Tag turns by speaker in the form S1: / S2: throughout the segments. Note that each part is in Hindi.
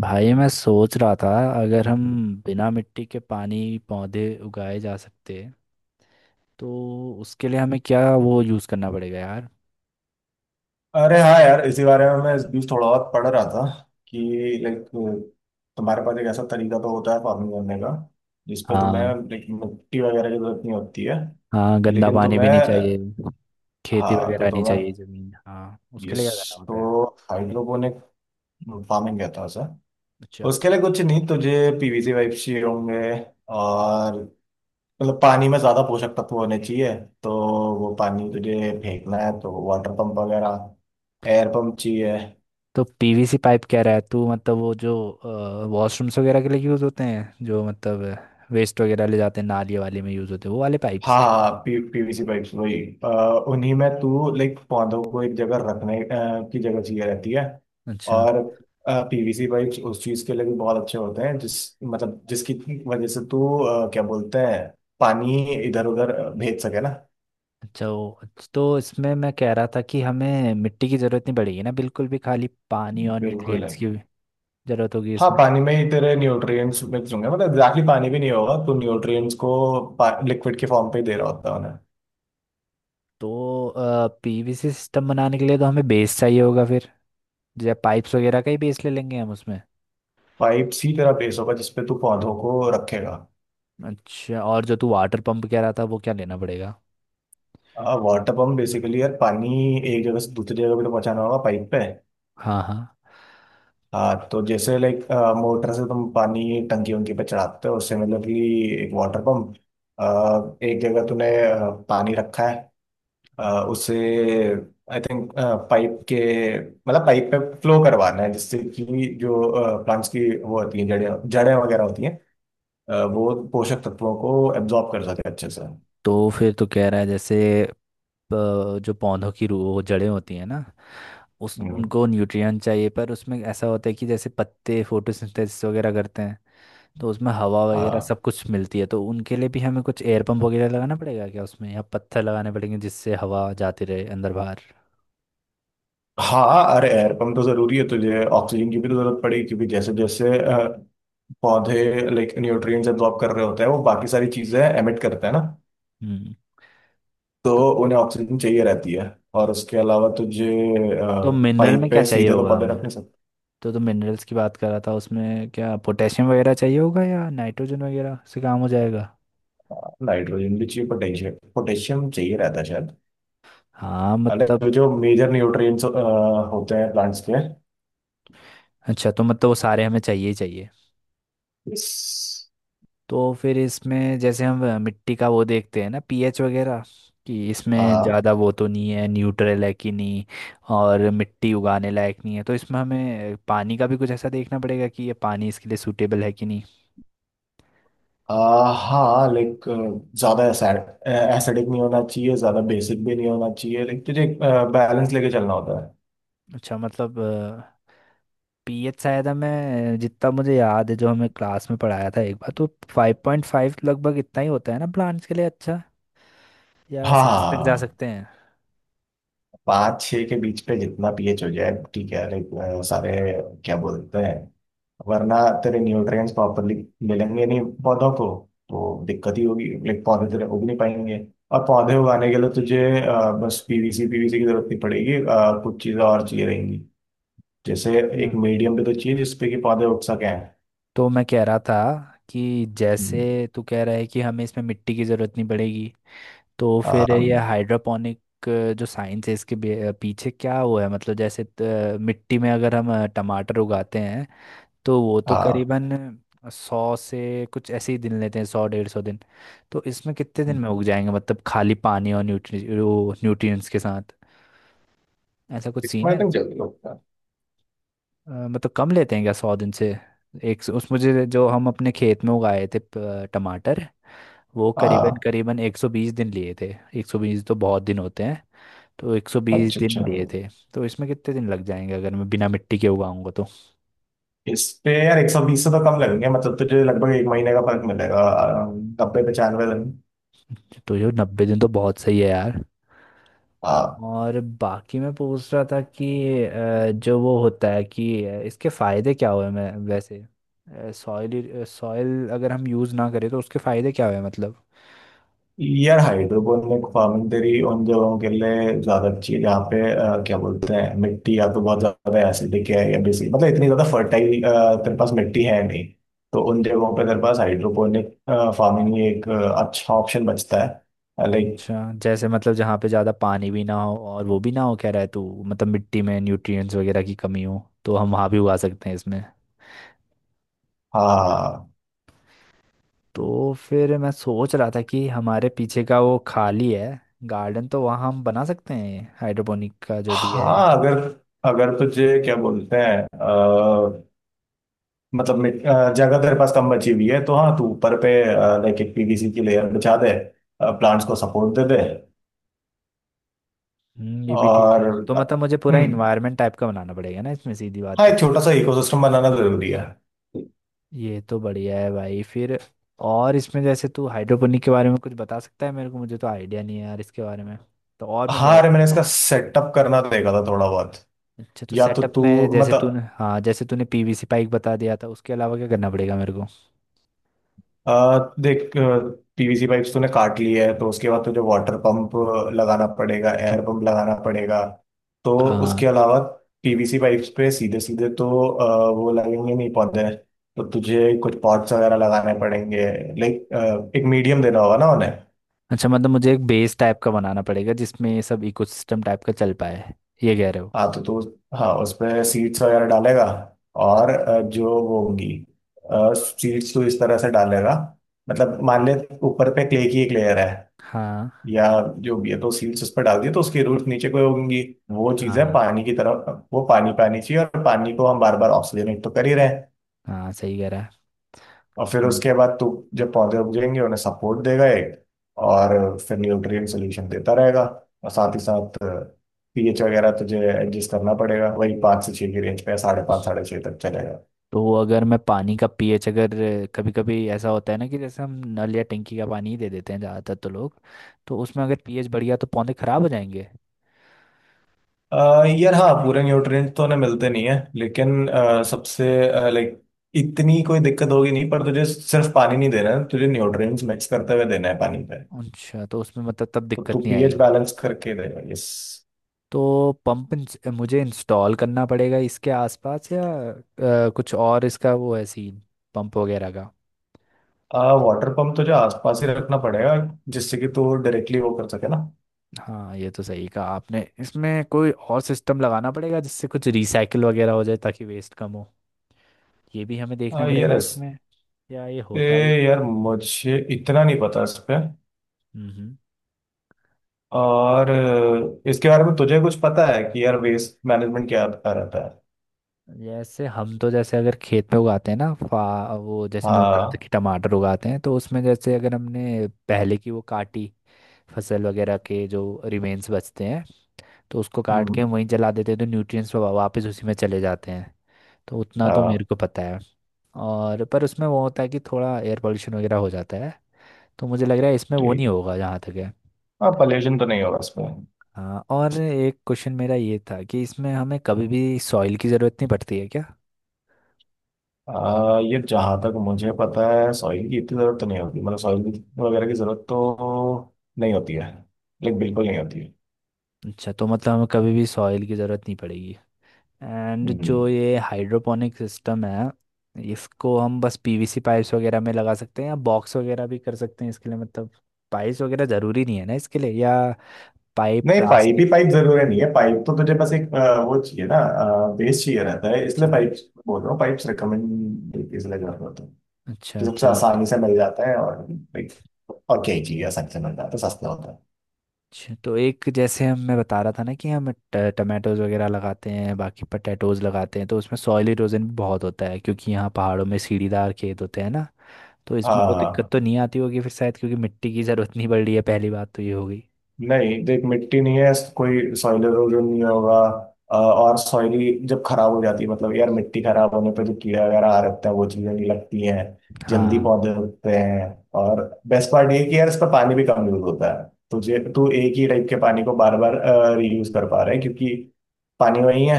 S1: भाई मैं सोच रहा था अगर हम बिना मिट्टी के पानी पौधे उगाए जा सकते तो उसके लिए हमें क्या वो यूज़ करना पड़ेगा यार।
S2: अरे हाँ यार, इसी बारे में मैं इस बीच थोड़ा बहुत पढ़ रहा था कि लाइक तुम्हारे पास एक ऐसा तरीका तो होता है फार्मिंग करने का जिसपे तुम्हें
S1: हाँ,
S2: लाइक मिट्टी वगैरह की जरूरत नहीं होती है।
S1: हाँ, गंदा
S2: लेकिन
S1: पानी
S2: तुम्हें
S1: भी नहीं चाहिए। खेती
S2: हाँ, तो
S1: वगैरह नहीं
S2: तुम्हें,
S1: चाहिए, जमीन। हाँ, उसके
S2: यस,
S1: लिए क्या करना
S2: तो
S1: होता है?
S2: हाइड्रोपोनिक फार्मिंग कहता है सर।
S1: अच्छा।
S2: उसके लिए कुछ नहीं, तुझे पीवीसी पाइप चाहिए होंगे। और मतलब पानी में ज्यादा पोषक तत्व होने चाहिए, तो वो पानी तुझे फेंकना है तो वाटर पंप वगैरह, एयर पंप चाहिए।
S1: तो पीवीसी पाइप कह रहा है तू मतलब वो जो वॉशरूम्स वगैरह के लिए यूज़ होते हैं, जो मतलब वेस्ट वगैरह ले जाते हैं, नाली वाले में यूज़ होते हैं, वो वाले
S2: हाँ,
S1: पाइप्स।
S2: हाँ, हाँ, पी पीवीसी पाइप्स वही। अ, उन्हीं में तू लाइक पौधों को एक जगह रखने की जगह चाहिए रहती है।
S1: अच्छा
S2: और पीवीसी पाइप्स उस चीज के लिए भी बहुत अच्छे होते हैं, जिस मतलब जिसकी वजह से तू क्या बोलते हैं, पानी इधर उधर भेज सके ना।
S1: अच्छा। तो इसमें मैं कह रहा था कि हमें मिट्टी की ज़रूरत नहीं पड़ेगी ना, बिल्कुल भी। खाली पानी और
S2: बिल्कुल
S1: न्यूट्रिएंट्स
S2: नहीं।
S1: की ज़रूरत होगी
S2: हाँ,
S1: इसमें।
S2: पानी में ही तेरे न्यूट्रिएंट्स मिक्स होंगे, मतलब एग्जैक्टली पानी भी नहीं होगा, तू न्यूट्रिएंट्स को लिक्विड के फॉर्म पे ही दे रहा होता है उन्हें।
S1: तो पीवीसी सिस्टम बनाने के लिए तो हमें बेस चाहिए होगा फिर। जैसे पाइप्स वगैरह का ही बेस ले लेंगे हम उसमें।
S2: पाइप्स ही तेरा बेस होगा जिसपे तू पौधों को रखेगा।
S1: अच्छा, और जो तू वाटर पंप कह रहा था वो क्या लेना पड़ेगा?
S2: वाटर पंप बेसिकली यार, पानी एक जगह से दूसरी जगह पे तो पहुंचाना होगा पाइप पे।
S1: हाँ, हाँ।
S2: हाँ, तो जैसे लाइक मोटर से तुम पानी टंकी उनकी पे चढ़ाते हो, उससे मतलब कि एक वाटर पंप, एक जगह तूने पानी रखा है। अ, उसे आई थिंक पाइप के मतलब पाइप पे फ्लो करवाना है, जिससे कि जो प्लांट्स की वो होती है, जड़ें जड़ें वगैरह होती हैं, वो पोषक तत्वों को एब्जॉर्ब कर सके अच्छे से।
S1: तो फिर तो कह रहा है जैसे जो पौधों की रू वो जड़ें होती हैं ना। उस
S2: हम्म।
S1: उनको न्यूट्रिएंट चाहिए, पर उसमें ऐसा होता है कि जैसे पत्ते फोटोसिंथेसिस वगैरह करते हैं, तो उसमें हवा वगैरह
S2: हाँ,
S1: सब कुछ मिलती है। तो उनके लिए भी हमें कुछ एयर पंप वगैरह लगाना पड़ेगा क्या उसमें, या पत्थर लगाने पड़ेंगे जिससे हवा जाती रहे अंदर बाहर?
S2: हाँ, अरे एयर पंप तो जरूरी है, तुझे ऑक्सीजन की भी तो जरूरत पड़ेगी क्योंकि जैसे जैसे पौधे लाइक न्यूट्रिएंट्स एब्जॉर्ब कर रहे होते हैं, वो बाकी सारी चीजें एमिट करते हैं ना।
S1: हम्म।
S2: तो
S1: तो,
S2: उन्हें ऑक्सीजन चाहिए रहती है, और उसके अलावा तुझे
S1: तो मिनरल में
S2: पाइप
S1: क्या
S2: पे
S1: चाहिए
S2: सीधे तो
S1: होगा
S2: पौधे रख
S1: हमें?
S2: नहीं सकता।
S1: तो मिनरल्स की बात कर रहा था उसमें, क्या पोटेशियम वगैरह चाहिए होगा या नाइट्रोजन वगैरह से काम हो जाएगा?
S2: नाइट्रोजन भी चाहिए, पोटेशियम पोटेशियम चाहिए रहता है शायद।
S1: हाँ मतलब।
S2: अलग जो मेजर न्यूट्रिएंट्स होते हैं प्लांट्स के।
S1: अच्छा, तो मतलब वो सारे हमें चाहिए ही चाहिए। तो फिर इसमें जैसे हम मिट्टी का वो देखते हैं ना, पीएच वगैरह, कि इसमें ज़्यादा वो तो नहीं है, न्यूट्रल है कि नहीं, और मिट्टी उगाने लायक नहीं है। तो इसमें हमें पानी का भी कुछ ऐसा देखना पड़ेगा कि ये पानी इसके लिए सूटेबल है कि नहीं।
S2: आ, हाँ, लाइक ज्यादा एसिडिक नहीं होना चाहिए, ज्यादा बेसिक भी नहीं होना चाहिए, लाइक तुझे एक बैलेंस लेके चलना होता है।
S1: अच्छा मतलब। पीएच शायद हमें जितना मुझे याद है, जो हमें क्लास में पढ़ाया था एक बार, तो 5.5 लगभग इतना ही होता है ना प्लांट्स के लिए, अच्छा, या
S2: हाँ, हाँ,
S1: 6 तक
S2: हाँ,
S1: जा
S2: हाँ।
S1: सकते हैं।
S2: पाँच छः के बीच पे जितना पीएच हो जाए ठीक है, लाइक सारे क्या बोलते हैं, वरना तेरे न्यूट्रिएंट्स प्रॉपरली मिलेंगे नहीं पौधों को, तो दिक्कत ही होगी, लाइक पौधे तेरे उग नहीं पाएंगे। और पौधे उगाने के लिए तुझे बस पीवीसी पीवीसी की जरूरत नहीं पड़ेगी, कुछ चीज़ें और चाहिए रहेंगी, जैसे एक
S1: Yeah।
S2: मीडियम भी तो चाहिए जिसपे कि पौधे उग सकें।
S1: तो मैं कह रहा था कि
S2: हम्म।
S1: जैसे तू कह रहा है कि हमें इसमें मिट्टी की ज़रूरत नहीं पड़ेगी। तो फिर ये
S2: um,
S1: हाइड्रोपोनिक जो साइंस है इसके पीछे क्या हुआ है, मतलब जैसे मिट्टी में अगर हम टमाटर उगाते हैं तो वो तो
S2: uh,
S1: करीबन 100 से कुछ ऐसे ही दिन लेते हैं, 100, 150 दिन। तो इसमें कितने दिन में उग जाएंगे, मतलब खाली पानी और न्यूट्रि वो न्यूट्रिएंट्स के साथ? ऐसा कुछ सीन
S2: इसमें आई
S1: है?
S2: थिंक जल्दी होता है।
S1: मतलब कम लेते हैं क्या 100 दिन से? उस मुझे जो हम अपने खेत में उगाए थे टमाटर, वो करीबन
S2: आ,
S1: करीबन 120 दिन लिए थे। 120 तो बहुत दिन होते हैं। तो 120
S2: अच्छा, अच्छा।
S1: दिन दिए थे। तो इसमें कितने दिन लग जाएंगे अगर मैं बिना मिट्टी के उगाऊंगा तो?
S2: इस पे यार 120 से तो कम लगेंगे, मतलब तुझे लगभग एक महीने का फर्क मिलेगा। 90 95 दिन।
S1: तो ये 90 दिन तो बहुत सही है यार।
S2: आ,
S1: और बाकी मैं पूछ रहा था कि जो वो होता है कि इसके फायदे क्या हुए, मैं वैसे सॉइल सॉइल अगर हम यूज़ ना करें तो उसके फायदे क्या हुए मतलब?
S2: यार हाइड्रोपोनिक फार्मिंग तेरी उन जगहों के लिए ज्यादा अच्छी है जहाँ पे क्या बोलते हैं, मिट्टी या तो बहुत ज्यादा एसिडिक है या बेसिक, मतलब इतनी ज्यादा फर्टाइल तेरे पास मिट्टी है नहीं, तो उन जगहों पे तेरे पास हाइड्रोपोनिक फार्मिंग ही एक अच्छा ऑप्शन बचता है, लाइक।
S1: अच्छा, जैसे मतलब जहाँ पे ज़्यादा पानी भी ना हो और वो भी ना हो, कह रहा है तू, मतलब मिट्टी में न्यूट्रिएंट्स वगैरह की कमी हो तो हम वहाँ भी उगा सकते हैं इसमें?
S2: हाँ,
S1: तो फिर मैं सोच रहा था कि हमारे पीछे का वो खाली है गार्डन, तो वहाँ हम बना सकते हैं हाइड्रोपोनिक का जो भी है।
S2: हाँ। अगर अगर तुझे क्या बोलते हैं, मतलब जगह तेरे पास कम बची हुई है तो हाँ, तू ऊपर पे लाइक एक पीवीसी की लेयर बिछा दे, प्लांट्स को सपोर्ट दे दे।
S1: हम्म, ये भी ठीक
S2: और
S1: है। तो मतलब मुझे पूरा
S2: हम्म,
S1: इन्वायरमेंट टाइप का बनाना पड़ेगा ना इसमें, सीधी
S2: हाँ,
S1: बात है।
S2: एक छोटा सा इकोसिस्टम बनाना जरूरी है।
S1: ये तो बढ़िया है भाई फिर। और इसमें जैसे तू हाइड्रोपोनिक के बारे में कुछ बता सकता है मेरे को? मुझे तो आइडिया नहीं है यार इसके बारे में। तो और मैं क्या
S2: हाँ,
S1: कर
S2: अरे मैंने
S1: सकता हूँ?
S2: इसका सेटअप करना देखा था थोड़ा बहुत।
S1: अच्छा, तो
S2: या तो
S1: सेटअप
S2: तू,
S1: में जैसे
S2: मतलब
S1: तूने, हाँ, जैसे तूने पीवीसी पाइप बता दिया था, उसके अलावा क्या करना पड़ेगा मेरे को?
S2: देख, पीवीसी पाइप्स तूने काट ली है तो उसके बाद तुझे वाटर पंप लगाना पड़ेगा, एयर पंप लगाना पड़ेगा। तो उसके
S1: हाँ।
S2: अलावा पीवीसी पाइप्स पे सीधे सीधे तो वो लगेंगे नहीं पौधे, तो तुझे कुछ पॉट्स वगैरह लगाने पड़ेंगे, लाइक एक मीडियम देना होगा ना उन्हें।
S1: अच्छा मतलब मुझे एक बेस टाइप का बनाना पड़ेगा जिसमें ये सब इकोसिस्टम टाइप का चल पाए, ये कह रहे हो?
S2: हाँ, तो तू, हाँ, उस पे सीड्स वगैरह डालेगा। और जो वो होंगी सीड्स, तो इस तरह से डालेगा, मतलब मान ले ऊपर पे क्ले की एक लेयर है
S1: हाँ,
S2: या जो भी है, तो सील्स उस पर डाल दिए तो उसके रूट्स नीचे को होंगी, वो
S1: हाँ,
S2: चीजें
S1: हाँ,
S2: पानी की तरफ। वो पानी, पानी चाहिए, और पानी को हम बार बार ऑक्सीजनेट तो कर ही रहे हैं।
S1: हाँ, सही कह रहा है।
S2: और फिर
S1: सम-
S2: उसके बाद तो जब पौधे उग जाएंगे उन्हें सपोर्ट देगा एक, और फिर न्यूट्रिएंट सोल्यूशन देता रहेगा। और साथ ही साथ पीएच वगैरह तुझे एडजस्ट करना पड़ेगा, वही पाँच से छः की रेंज पे साढ़े पाँच साढ़े छः तक चलेगा।
S1: तो अगर मैं पानी का पीएच अगर कभी कभी ऐसा होता है ना कि जैसे हम नल या टंकी का पानी ही दे देते हैं ज़्यादातर तो लोग, तो उसमें अगर पीएच बढ़ गया तो पौधे खराब हो जाएंगे।
S2: यार हाँ, पूरे न्यूट्रिएंट तो उन्हें मिलते नहीं है, लेकिन सबसे, लाइक इतनी कोई दिक्कत होगी नहीं, पर तुझे सिर्फ पानी नहीं देना है, तुझे न्यूट्रिएंट्स मिक्स करते हुए देना है पानी पे।
S1: अच्छा, तो उसमें मतलब तब
S2: तो तू
S1: दिक्कत नहीं
S2: पीएच
S1: आएगी।
S2: बैलेंस करके देगा, यस।
S1: तो पंप मुझे इंस्टॉल करना पड़ेगा इसके आसपास, या कुछ और इसका वो है सीन, पंप वगैरह?
S2: वाटर पंप तुझे आसपास ही रखना पड़ेगा जिससे कि तू डायरेक्टली वो कर सके ना।
S1: हाँ, ये तो सही कहा आपने। इसमें कोई और सिस्टम लगाना पड़ेगा जिससे कुछ रिसाइकिल वगैरह हो जाए ताकि वेस्ट कम हो, ये भी हमें देखना
S2: आ, यार
S1: पड़ेगा
S2: इस
S1: इसमें, या ये
S2: ए,
S1: होता ही।
S2: यार मुझे इतना नहीं पता इस पे।
S1: हम्म।
S2: और इसके बारे में तुझे कुछ पता है कि यार वेस्ट मैनेजमेंट क्या क्या रहता है?
S1: जैसे हम तो जैसे अगर खेत में उगाते हैं ना, फा वो जैसे मैं बता रहा था
S2: हाँ,
S1: कि टमाटर उगाते हैं, तो उसमें जैसे अगर हमने पहले की वो काटी फसल वगैरह के जो रिमेन्स बचते हैं, तो उसको काट के
S2: हम्म,
S1: हम वहीं जला देते हैं तो न्यूट्रिएंट्स वापस उसी में चले जाते हैं। तो उतना तो
S2: हाँ,
S1: मेरे को पता है। और पर उसमें वो होता है कि थोड़ा एयर पोल्यूशन वगैरह हो जाता है। तो मुझे लग रहा है इसमें वो नहीं
S2: ठीक।
S1: होगा जहाँ तक है।
S2: हाँ, पॉल्यूशन तो नहीं होगा इसमें।
S1: हाँ, और एक क्वेश्चन मेरा ये था कि इसमें हमें कभी भी सॉइल की ज़रूरत नहीं पड़ती है क्या?
S2: ये जहाँ तक मुझे पता है सॉइल की इतनी ज़रूरत तो नहीं होती, मतलब सॉइल वगैरह की ज़रूरत तो नहीं होती है, लाइक बिल्कुल नहीं होती है।
S1: अच्छा, तो मतलब हमें कभी भी सॉइल की ज़रूरत नहीं पड़ेगी। And
S2: hmm.
S1: जो ये हाइड्रोपोनिक सिस्टम है, इसको हम बस पीवीसी पाइप्स वगैरह में लगा सकते हैं या बॉक्स वगैरह भी कर सकते हैं इसके लिए, मतलब पाइप्स वगैरह ज़रूरी नहीं है ना इसके लिए, या पाइप
S2: नहीं, पाइप ही
S1: प्लास्टिक?
S2: पाइप जरूरी नहीं है। पाइप तो तुझे बस एक वो चाहिए ना, बेस चाहिए रहता है,
S1: अच्छा।
S2: इसलिए पाइप बोल रहा हूँ। पाइप्स रिकमेंड इसलिए कर रहा होता है कि
S1: अच्छा,
S2: सबसे
S1: ठीक।
S2: आसानी से मिल जाता है, और like, और क्या ही चाहिए, आसानी से मिल जाता है, सस्ता होता है।
S1: अच्छा, तो एक जैसे हम, मैं बता रहा था ना कि हम टमाटोज वगैरह लगाते हैं, बाकी पटेटोज लगाते हैं, तो उसमें सॉइल इरोजन भी बहुत होता है क्योंकि यहाँ पहाड़ों में सीढ़ीदार खेत होते हैं ना। तो
S2: हाँ,
S1: इसमें वो
S2: हाँ, हाँ।
S1: दिक्कत तो नहीं आती होगी फिर शायद, क्योंकि मिट्टी की ज़रूरत नहीं पड़ रही है, पहली बात तो ये होगी।
S2: नहीं, देख, मिट्टी नहीं है, कोई सॉइल इरोजन नहीं होगा। और सॉइली जब खराब हो जाती है, मतलब यार, मिट्टी खराब होने पे जो कीड़े वगैरह आ रहते हैं, वो चीजें नहीं लगती हैं, जल्दी
S1: हाँ।
S2: पौधे उगते हैं। और बेस्ट पार्ट ये है कि यार, इसका पानी भी कम यूज होता है, तुझे तू एक ही टाइप के पानी को बार बार रीयूज कर पा रहा है, क्योंकि पानी वही है।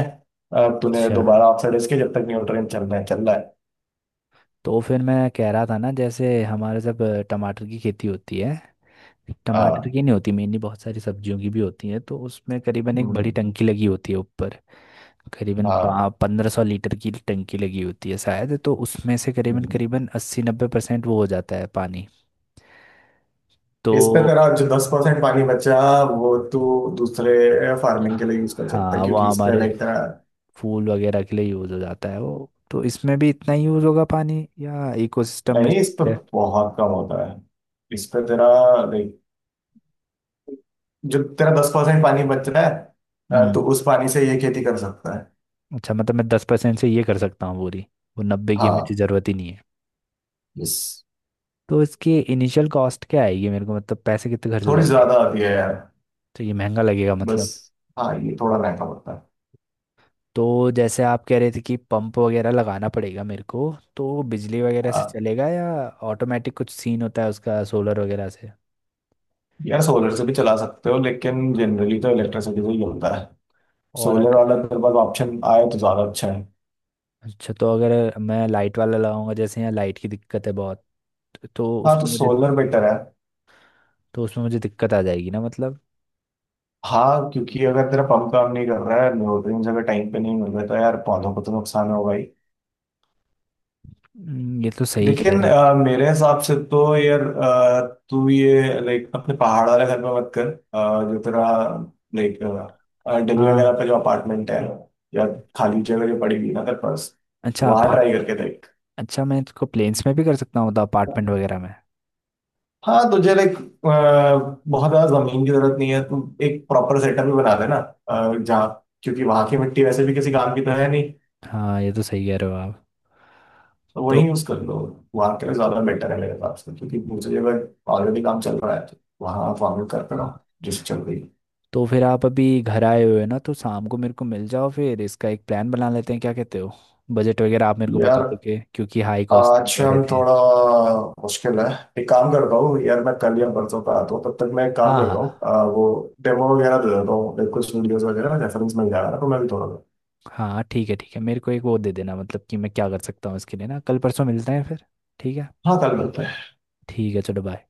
S2: तूने
S1: अच्छा,
S2: दोबारा ऑक्सीडाइज के, जब तक न्यूट्रिएंट चल रहे हैं, चल रहा है।
S1: तो फिर मैं कह रहा था ना, जैसे हमारे सब टमाटर की खेती होती है, टमाटर
S2: हाँ,
S1: की नहीं होती मेनली, बहुत सारी सब्जियों की भी होती है। तो उसमें करीबन एक
S2: हम्म,
S1: बड़ी टंकी लगी होती है ऊपर, करीबन
S2: हाँ,
S1: 1500 लीटर की टंकी लगी होती है शायद। तो उसमें से करीबन
S2: हम्म।
S1: करीबन 80-90% वो हो जाता है पानी।
S2: इस पे
S1: तो
S2: तेरा जो 10% पानी बचा, वो तू दूसरे फार्मिंग के लिए यूज कर सकता है,
S1: हाँ, वो
S2: क्योंकि इस पे
S1: हमारे
S2: लाइक तेरा,
S1: फूल वगैरह के लिए यूज़ हो जाता है वो। तो इसमें भी इतना ही यूज़ होगा पानी, या इकोसिस्टम में
S2: नहीं,
S1: जो
S2: इस पे
S1: है?
S2: बहुत कम होता है, इस पे तेरा लाइक जो तेरा 10% पानी बच रहा है, तो
S1: हम्म।
S2: उस पानी से ये खेती कर सकता है।
S1: अच्छा, मतलब मैं 10% से ये कर सकता हूँ पूरी, वो 90 की हमें
S2: हाँ,
S1: ज़रूरत ही नहीं है।
S2: यस,
S1: तो इसकी इनिशियल कॉस्ट क्या आएगी मेरे को, मतलब पैसे कितने खर्च हो
S2: थोड़ी
S1: जाएंगे?
S2: ज्यादा आती है यार,
S1: तो ये महंगा लगेगा
S2: बस।
S1: मतलब।
S2: हाँ, ये थोड़ा महंगा पड़ता है।
S1: तो जैसे आप कह रहे थे कि पंप वगैरह लगाना पड़ेगा मेरे को, तो बिजली वगैरह से
S2: हाँ,
S1: चलेगा, या ऑटोमेटिक कुछ सीन होता है उसका सोलर वगैरह से?
S2: यार सोलर से भी चला सकते हो, लेकिन जनरली तो इलेक्ट्रिसिटी से ही होता है।
S1: और
S2: सोलर
S1: अगर,
S2: वाला तेरे पास ऑप्शन आए तो ज्यादा अच्छा है।
S1: अच्छा, तो अगर मैं लाइट वाला लगाऊंगा जैसे यहाँ लाइट की दिक्कत है बहुत, तो
S2: हाँ, तो
S1: उसमें मुझे,
S2: सोलर बेटर है।
S1: तो उसमें मुझे दिक्कत आ जाएगी ना मतलब?
S2: हाँ, क्योंकि अगर तेरा पंप काम नहीं कर रहा है, न्यूट्रिएंट्स अगर टाइम पे नहीं मिल रहे तो यार, पौधों को तो नुकसान होगा ही।
S1: ये तो सही कह
S2: लेकिन
S1: रहे हो।
S2: मेरे हिसाब से तो यार, तू ये लाइक अपने पहाड़ वाले घर में मत कर। जो तेरा लाइक दिल्ली वगैरह
S1: हाँ,
S2: पे जो अपार्टमेंट है, या खाली जगह जो पड़ी हुई है ना तेरे पास,
S1: अच्छा।
S2: वहाँ
S1: अपार्ट
S2: ट्राई करके देख।
S1: अच्छा मैं इसको प्लेन्स में भी कर सकता हूँ तो अपार्टमेंट वगैरह में?
S2: हाँ, तुझे लाइक बहुत ज्यादा जमीन की जरूरत नहीं है, तू एक प्रॉपर सेटअप भी बना देना, जहाँ, क्योंकि वहां की मिट्टी वैसे भी किसी काम की तो है नहीं,
S1: हाँ, ये तो सही कह रहे हो आप।
S2: तो वही
S1: तो
S2: यूज कर लो। वहां के लिए ज्यादा बेटर है मेरे पास, क्योंकि दूसरी जगह ऑलरेडी काम चल रहा है, तो वहां आप फॉर्मेट करते रहो जिस चल रही है।
S1: तो फिर आप अभी घर आए हुए हो ना, तो शाम को मेरे को मिल जाओ, फिर इसका एक प्लान बना लेते हैं, क्या कहते हो? बजट वगैरह आप मेरे को बता
S2: यार
S1: दोगे, क्योंकि हाई कॉस्टिंग
S2: आज
S1: कह रहे
S2: हम
S1: थे।
S2: थोड़ा, मुश्किल है। एक काम करता हूँ यार, मैं कल या परसों का आता हूँ, तब तक मैं एक काम
S1: हाँ,
S2: करता हूँ,
S1: हाँ,
S2: वो डेमो वगैरह दे देता हूँ, कुछ वीडियोस वगैरह रेफरेंस मिल जाएगा ना, तो मैं भी थोड़ा।
S1: हाँ, ठीक है, ठीक है, मेरे को एक वो दे देना, मतलब कि मैं क्या कर सकता हूँ इसके लिए ना? कल परसों मिलते हैं फिर, ठीक है।
S2: हाँ, कल मिलते हैं।
S1: ठीक है, चलो बाय।